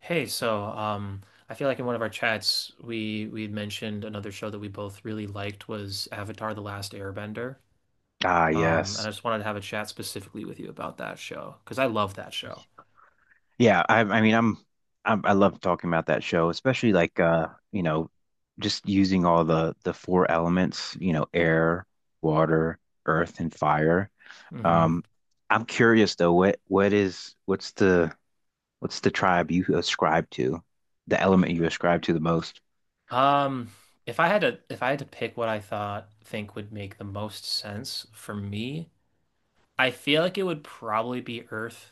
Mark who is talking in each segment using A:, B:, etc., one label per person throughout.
A: Hey, so I feel like in one of our chats we had mentioned another show that we both really liked was Avatar: The Last Airbender.
B: Ah,
A: And I
B: yes.
A: just wanted to have a chat specifically with you about that show because I love that show.
B: Yeah, I I mean I'm, I love talking about that show, especially like just using all the four elements, you know, air, water, earth, and fire.
A: Hmm.
B: Um, I'm curious though, what's the tribe you ascribe to? The element you ascribe to the most?
A: Um, if I had to if I had to pick what I thought think would make the most sense for me, I feel like it would probably be Earth.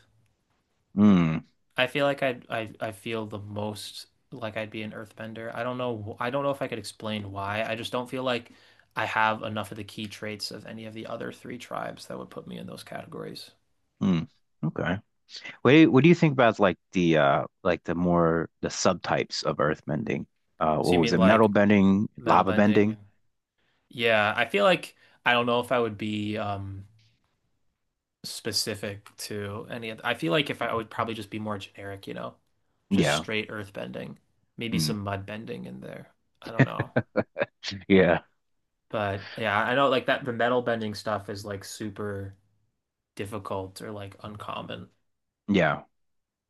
B: Mm,
A: I feel like I feel the most like I'd be an earthbender. I don't know if I could explain why. I just don't feel like I have enough of the key traits of any of the other three tribes that would put me in those categories.
B: mm. Okay. What do you think about like the more the subtypes of earth bending?
A: So you
B: What was
A: mean
B: it? Metal
A: like
B: bending,
A: metal
B: lava
A: bending?
B: bending?
A: Yeah, I feel like I don't know if I would be specific to any of — I feel like if I, I would probably just be more generic, you know. Just
B: Yeah.
A: straight earth bending. Maybe
B: Mm.
A: some mud bending in there. I don't know.
B: Yeah.
A: But yeah, I know like that the metal bending stuff is like super difficult or like uncommon.
B: Yeah.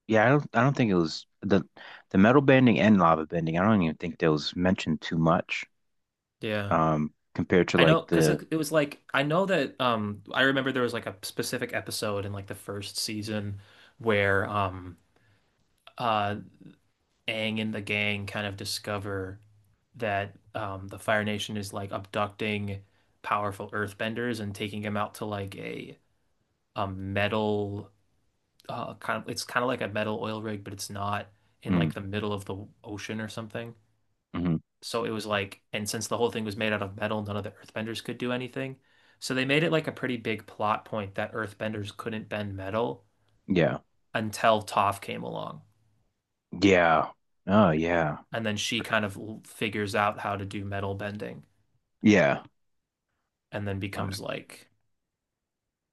B: Yeah, I don't think it was the metal bending and lava bending. I don't even think that was mentioned too much
A: Yeah.
B: compared to
A: I
B: like
A: know because
B: the
A: it was like I know that I remember there was like a specific episode in like the first season where uh Aang and the gang kind of discover that the Fire Nation is like abducting powerful earthbenders and taking them out to like a metal kind of like a metal oil rig but it's not in
B: mm,
A: like the middle of the ocean or something.
B: hmm.
A: So it was like, and since the whole thing was made out of metal, none of the earthbenders could do anything. So they made it like a pretty big plot point that earthbenders couldn't bend metal
B: Yeah.
A: until Toph came along.
B: Yeah. Oh, yeah.
A: And then she kind of figures out how to do metal bending
B: Yeah.
A: and then
B: Uh,
A: becomes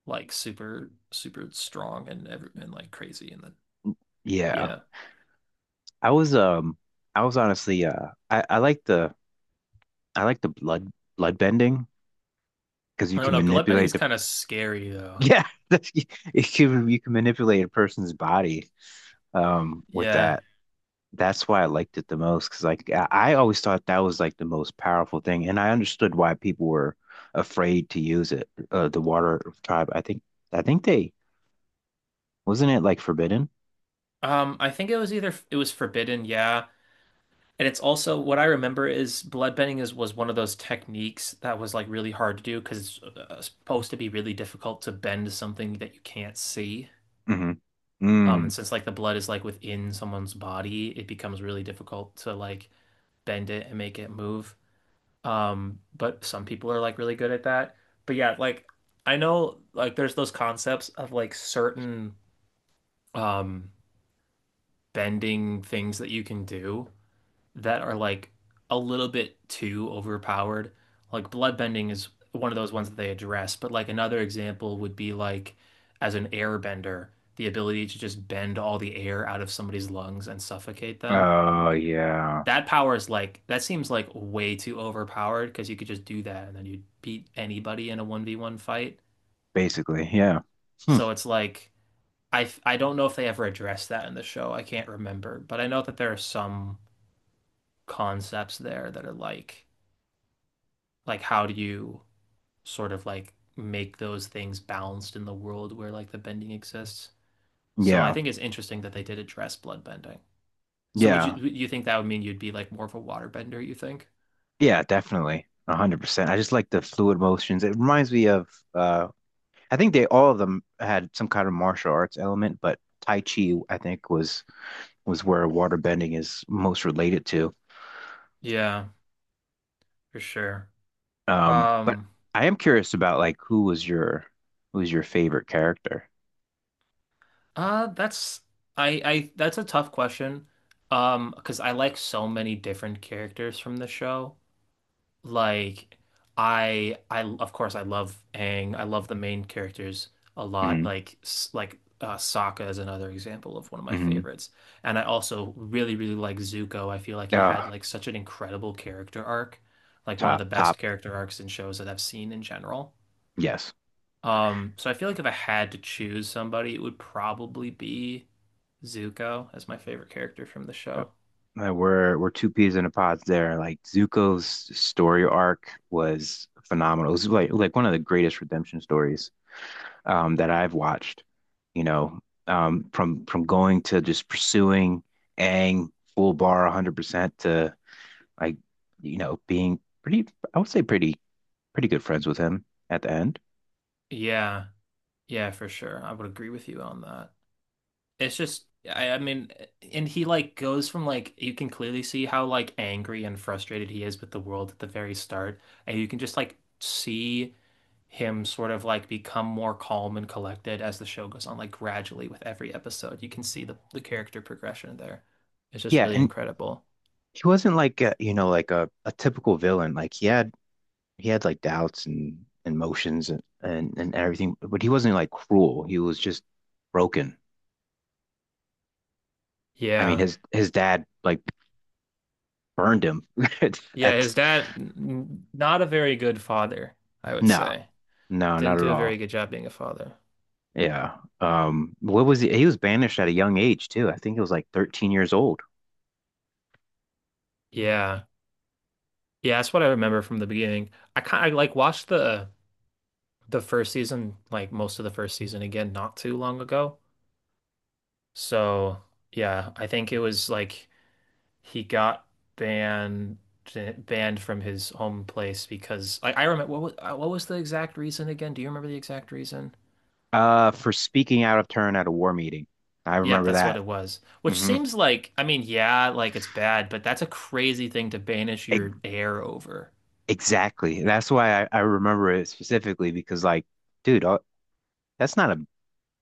A: like super super strong and like crazy and then
B: yeah.
A: yeah.
B: I was um I was honestly I like the blood bending because
A: I
B: you
A: don't
B: can
A: know, bloodbending
B: manipulate
A: is
B: the,
A: kind of scary though.
B: yeah, you can manipulate a person's body with
A: Yeah.
B: that. That's why I liked it the most because like I always thought that was like the most powerful thing, and I understood why people were afraid to use it. The water tribe, I think, they, wasn't it like forbidden?
A: I think it was either it was forbidden, yeah. And it's also what I remember is bloodbending is was one of those techniques that was like really hard to do because it's supposed to be really difficult to bend something that you can't see.
B: Hmm.
A: And
B: Mm.
A: since like the blood is like within someone's body, it becomes really difficult to like bend it and make it move. But some people are like really good at that. But yeah, like I know like there's those concepts of like certain um bending things that you can do that are like a little bit too overpowered. Like bloodbending is one of those ones that they address, but like another example would be like as an airbender, the ability to just bend all the air out of somebody's lungs and suffocate them.
B: Oh yeah,
A: That power is like that seems like way too overpowered because you could just do that and then you'd beat anybody in a 1v1 fight.
B: basically, yeah, hmm.
A: So it's like I don't know if they ever addressed that in the show. I can't remember, but I know that there are some concepts there that are like how do you sort of like make those things balanced in the world where like the bending exists. So I
B: Yeah,
A: think it's interesting that they did address blood bending. So would you
B: yeah,
A: you think that would mean you'd be like more of a waterbender, you think?
B: yeah, definitely, 100%. I just like the fluid motions. It reminds me of, uh, I think they all of them had some kind of martial arts element, but Tai Chi I think was, where water bending is most related to.
A: Yeah, for sure.
B: But
A: Um,
B: I am curious about like who was your favorite character?
A: that's I that's a tough question. Because I like so many different characters from the show. Like I of course I love Aang. I love the main characters a lot.
B: Hmm,
A: Like Sokka is another example of one of my
B: hmm.
A: favorites. And I also really really like Zuko. I feel like he had
B: Ah,
A: like such an incredible character arc. Like one of the best
B: top,
A: character arcs in shows that I've seen in general.
B: yes.
A: So I feel like if I had to choose somebody, it would probably be Zuko as my favorite character from the
B: Yep.
A: show.
B: We're two peas in a pod there. Like Zuko's story arc was phenomenal. It was like one of the greatest redemption stories, that I've watched. You know, from going to just pursuing Aang full bar 100% to, I, you know, being pretty, I would say pretty good friends with him at the end.
A: Yeah. Yeah, for sure. I would agree with you on that. It's just, I mean, and he like goes from like you can clearly see how like angry and frustrated he is with the world at the very start, and you can just like see him sort of like become more calm and collected as the show goes on, like gradually with every episode. You can see the character progression there. It's just
B: Yeah,
A: really
B: and
A: incredible.
B: he wasn't like a, you know, like a typical villain. Like he had like doubts and emotions and everything, but he wasn't like cruel. He was just broken. I mean
A: Yeah.
B: his dad like burned him
A: Yeah,
B: at
A: his dad, not a very good father, I would
B: no.
A: say.
B: No, not
A: Didn't
B: at
A: do a very
B: all.
A: good job being a father.
B: Yeah. What was he? He was banished at a young age too. I think it was like 13 years old.
A: Yeah. Yeah, that's what I remember from the beginning. I like watched the first season, like most of the first season again, not too long ago. So yeah, I think it was like he got banned banned from his home place because I remember what was the exact reason again? Do you remember the exact reason?
B: For speaking out of turn at a war meeting. I
A: Yep,
B: remember
A: that's what
B: that.
A: it was. Which
B: Hmm.
A: seems like, I mean, yeah, like it's bad, but that's a crazy thing to banish
B: E-
A: your heir over.
B: exactly. That's why I remember it specifically because like, dude, that's not a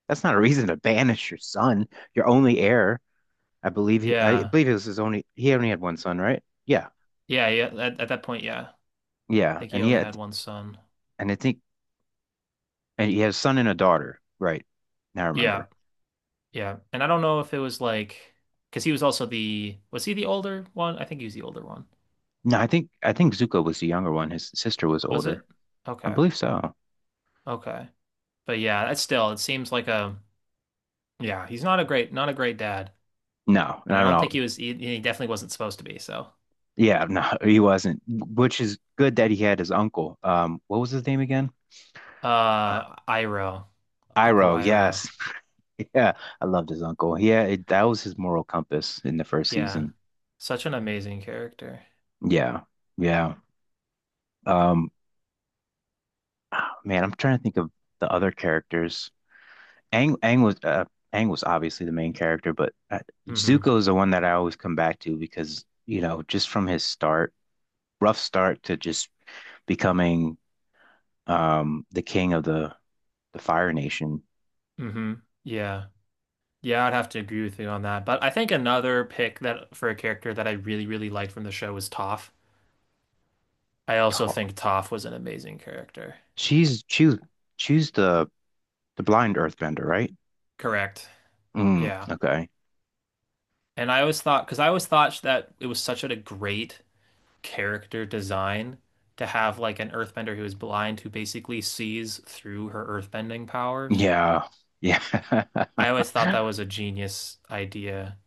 B: that's not a reason to banish your son, your only heir. I
A: Yeah.
B: believe it was his only, he only had one son, right? Yeah.
A: Yeah, yeah, at that point, yeah. I
B: Yeah.
A: think he
B: And he
A: only
B: had
A: had one son.
B: and I think and he had a son and a daughter, right? Now I
A: Yeah.
B: remember.
A: Yeah. And I don't know if it was like, because he was also the, was he the older one? I think he was the older one.
B: No, I think Zuko was the younger one. His sister was
A: Was
B: older.
A: it?
B: I
A: Okay.
B: believe so.
A: Okay. But yeah, that's still, it seems like a, yeah, he's not a great, not a great dad.
B: No,
A: And I
B: no,
A: don't
B: no.
A: think he was, he definitely wasn't supposed to be. So,
B: Yeah, no, he wasn't. Which is good that he had his uncle. What was his name again? Uh,
A: Iroh. Uncle
B: Iroh,
A: Iroh.
B: yes. Yeah, I loved his uncle. Yeah, it, that was his moral compass in the first
A: Yeah.
B: season.
A: Such an amazing character.
B: Yeah. Yeah. Um, ah, man, I'm trying to think of the other characters. Aang was obviously the main character, but
A: Mm-hmm.
B: Zuko is the one that I always come back to because, you know, just from his start, rough start to just becoming, the king of the Fire Nation.
A: Mm-hmm. Yeah. Yeah, I'd have to agree with you on that. But I think another pick that for a character that I really, really liked from the show was Toph. I also
B: Ta-
A: think Toph was an amazing character.
B: She's, choose the blind earthbender, right?
A: Correct.
B: Mm,
A: Yeah.
B: okay.
A: And I always thought, because I always thought that it was such a great character design to have like an earthbender who is blind who basically sees through her earthbending powers.
B: Yeah. Yeah.
A: I always thought that was a genius idea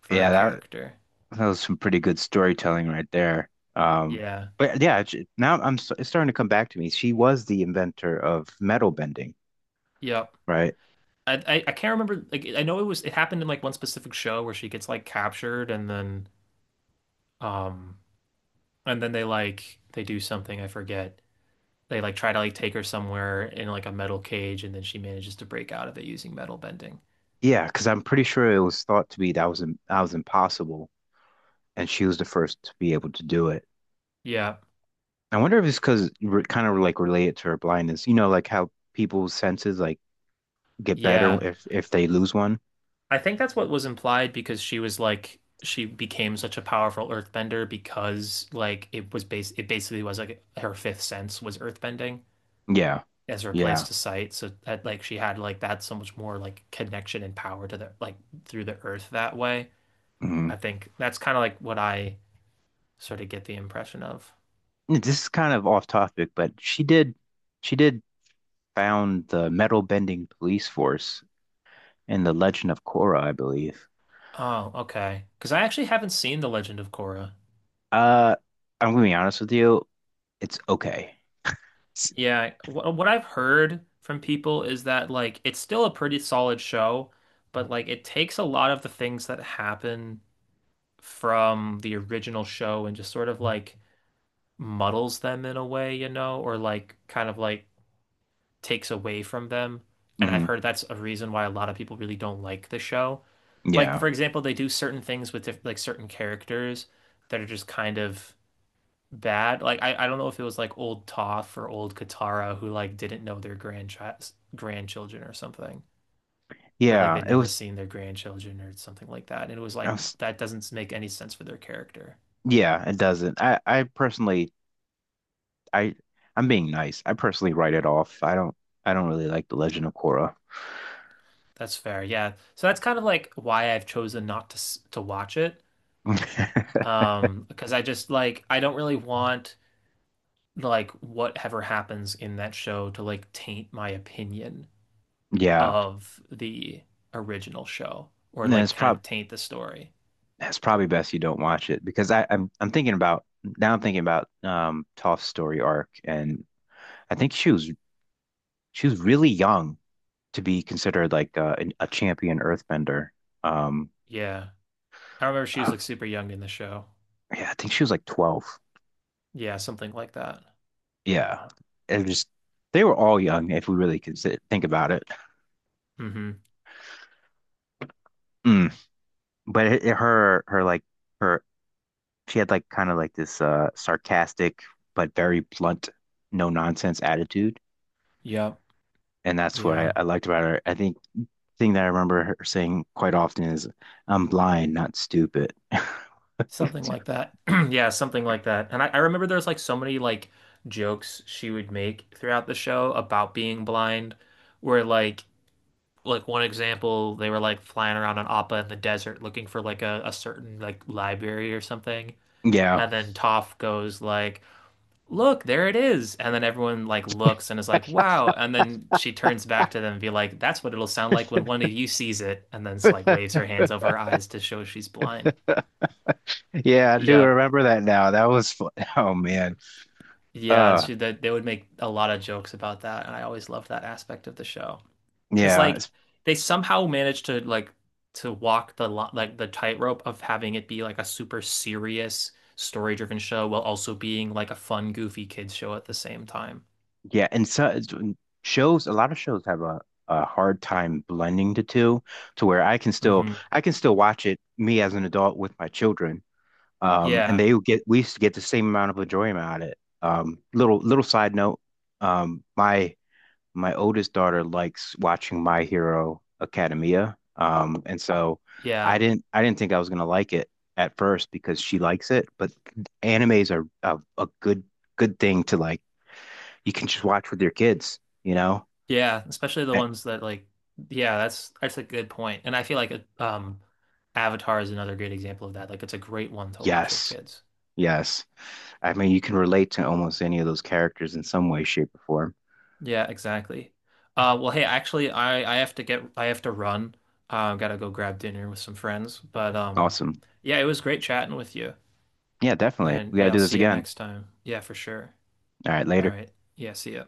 A: for a
B: Yeah,
A: character.
B: that was some pretty good storytelling right there.
A: Yeah.
B: But yeah, now it's starting to come back to me. She was the inventor of metal bending,
A: Yep.
B: right?
A: I can't remember like I know it was it happened in like one specific show where she gets like captured and then um and then they like they do something I forget they like try to like take her somewhere in like a metal cage and then she manages to break out of it using metal bending.
B: Yeah, because I'm pretty sure it was thought to be that was impossible, and she was the first to be able to do it.
A: Yeah.
B: I wonder if it's because, kind of like related to her blindness. You know, like how people's senses like get better
A: Yeah.
B: if they lose one.
A: I think that's what was implied because she was like she became such a powerful earthbender because like it was base it basically was like her fifth sense was earthbending
B: Yeah,
A: as her place
B: yeah.
A: to sight so that like she had like that so much more like connection and power to the like through the earth that way.
B: Hmm.
A: I think that's kind of like what I sort of get the impression of.
B: This is kind of off topic, but she did found the metal bending police force in The Legend of Korra, I believe.
A: Oh, okay. Because I actually haven't seen The Legend of Korra.
B: Uh, I'm gonna be honest with you, it's okay.
A: Yeah, what I've heard from people is that like it's still a pretty solid show, but like it takes a lot of the things that happen from the original show and just sort of like muddles them in a way, you know, or like kind of like takes away from them. And I've
B: Hmm.
A: heard that's a reason why a lot of people really don't like the show. Like
B: Yeah,
A: for example, they do certain things with diff like certain characters that are just kind of bad. Like I don't know if it was like old Toph or old Katara who like didn't know their grandchild grandchildren or something. Or like
B: yeah.
A: they'd
B: It
A: never
B: was,
A: seen their grandchildren or something like that. And it was
B: I
A: like
B: was,
A: that doesn't make any sense for their character.
B: yeah. It doesn't. I I'm being nice. I personally write it off. I don't really like The Legend of Korra.
A: That's fair. Yeah. So that's kind of like why I've chosen not to to watch it. Because I just like I don't really want like whatever happens in that show to like taint my opinion
B: Yeah.
A: of the original show or
B: And then
A: like kind of taint the story.
B: it's probably best you don't watch it because I'm thinking about, now I'm thinking about Toph's story arc, and I think she was really young to be considered like a champion earthbender. Um,
A: Yeah. I remember she was
B: uh,
A: like super young in the show.
B: yeah, I think she was like 12.
A: Yeah, something like that.
B: Yeah. It was just they were all young if we really think about it.
A: Hmm.
B: Mm. But her like her she had like kind of like this sarcastic but very blunt, no nonsense attitude.
A: Yep.
B: And that's what
A: Yeah.
B: I liked about her. I think the thing that I remember her saying quite often is, I'm blind, not stupid.
A: Something like that. Yeah, something like that. And I remember there's like so many like jokes she would make throughout the show about being blind, where like one example, they were like flying around on Appa in the desert looking for like a certain like library or something.
B: Yeah.
A: And then Toph goes like, look, there it is. And then everyone like looks and is like, wow. And then she turns back to them and be like, that's what it'll sound like when one of you sees it. And then it's like waves her hands over her eyes to show she's blind.
B: Yeah, I do
A: Yeah.
B: remember that now. That was fun. Oh man.
A: Yeah.
B: Uh
A: She, they would make a lot of jokes about that. And I always loved that aspect of the show. Cause
B: yeah.
A: like
B: it's-
A: they somehow managed to like, to walk the like the tightrope of having it be like a super serious story driven show while also being like a fun goofy kids show at the same time.
B: Yeah, and so it's- shows a lot of shows have a hard time blending the two to where
A: Hmm.
B: I can still watch it, me as an adult with my children. And
A: Yeah.
B: they would get we used to get the same amount of enjoyment out of it. Little side note, um, my my oldest daughter likes watching My Hero Academia. And so
A: Yeah.
B: I didn't think I was gonna like it at first because she likes it, but animes are a good thing to like, you can just watch with your kids, you know?
A: Yeah, especially the
B: Eh,
A: ones that like yeah, that's a good point. And I feel like a, Avatar is another great example of that. Like it's a great one to watch with
B: Yes,
A: kids.
B: yes. I mean you can relate to almost any of those characters in some way, shape, or form.
A: Yeah, exactly. Well hey, actually I have to run. Gotta go grab dinner with some friends, but
B: Awesome.
A: yeah, it was great chatting with you.
B: Yeah, definitely.
A: And
B: We gotta
A: yeah, I'll
B: do this
A: see you
B: again.
A: next time. Yeah, for sure.
B: All right,
A: All
B: later.
A: right. Yeah, see ya.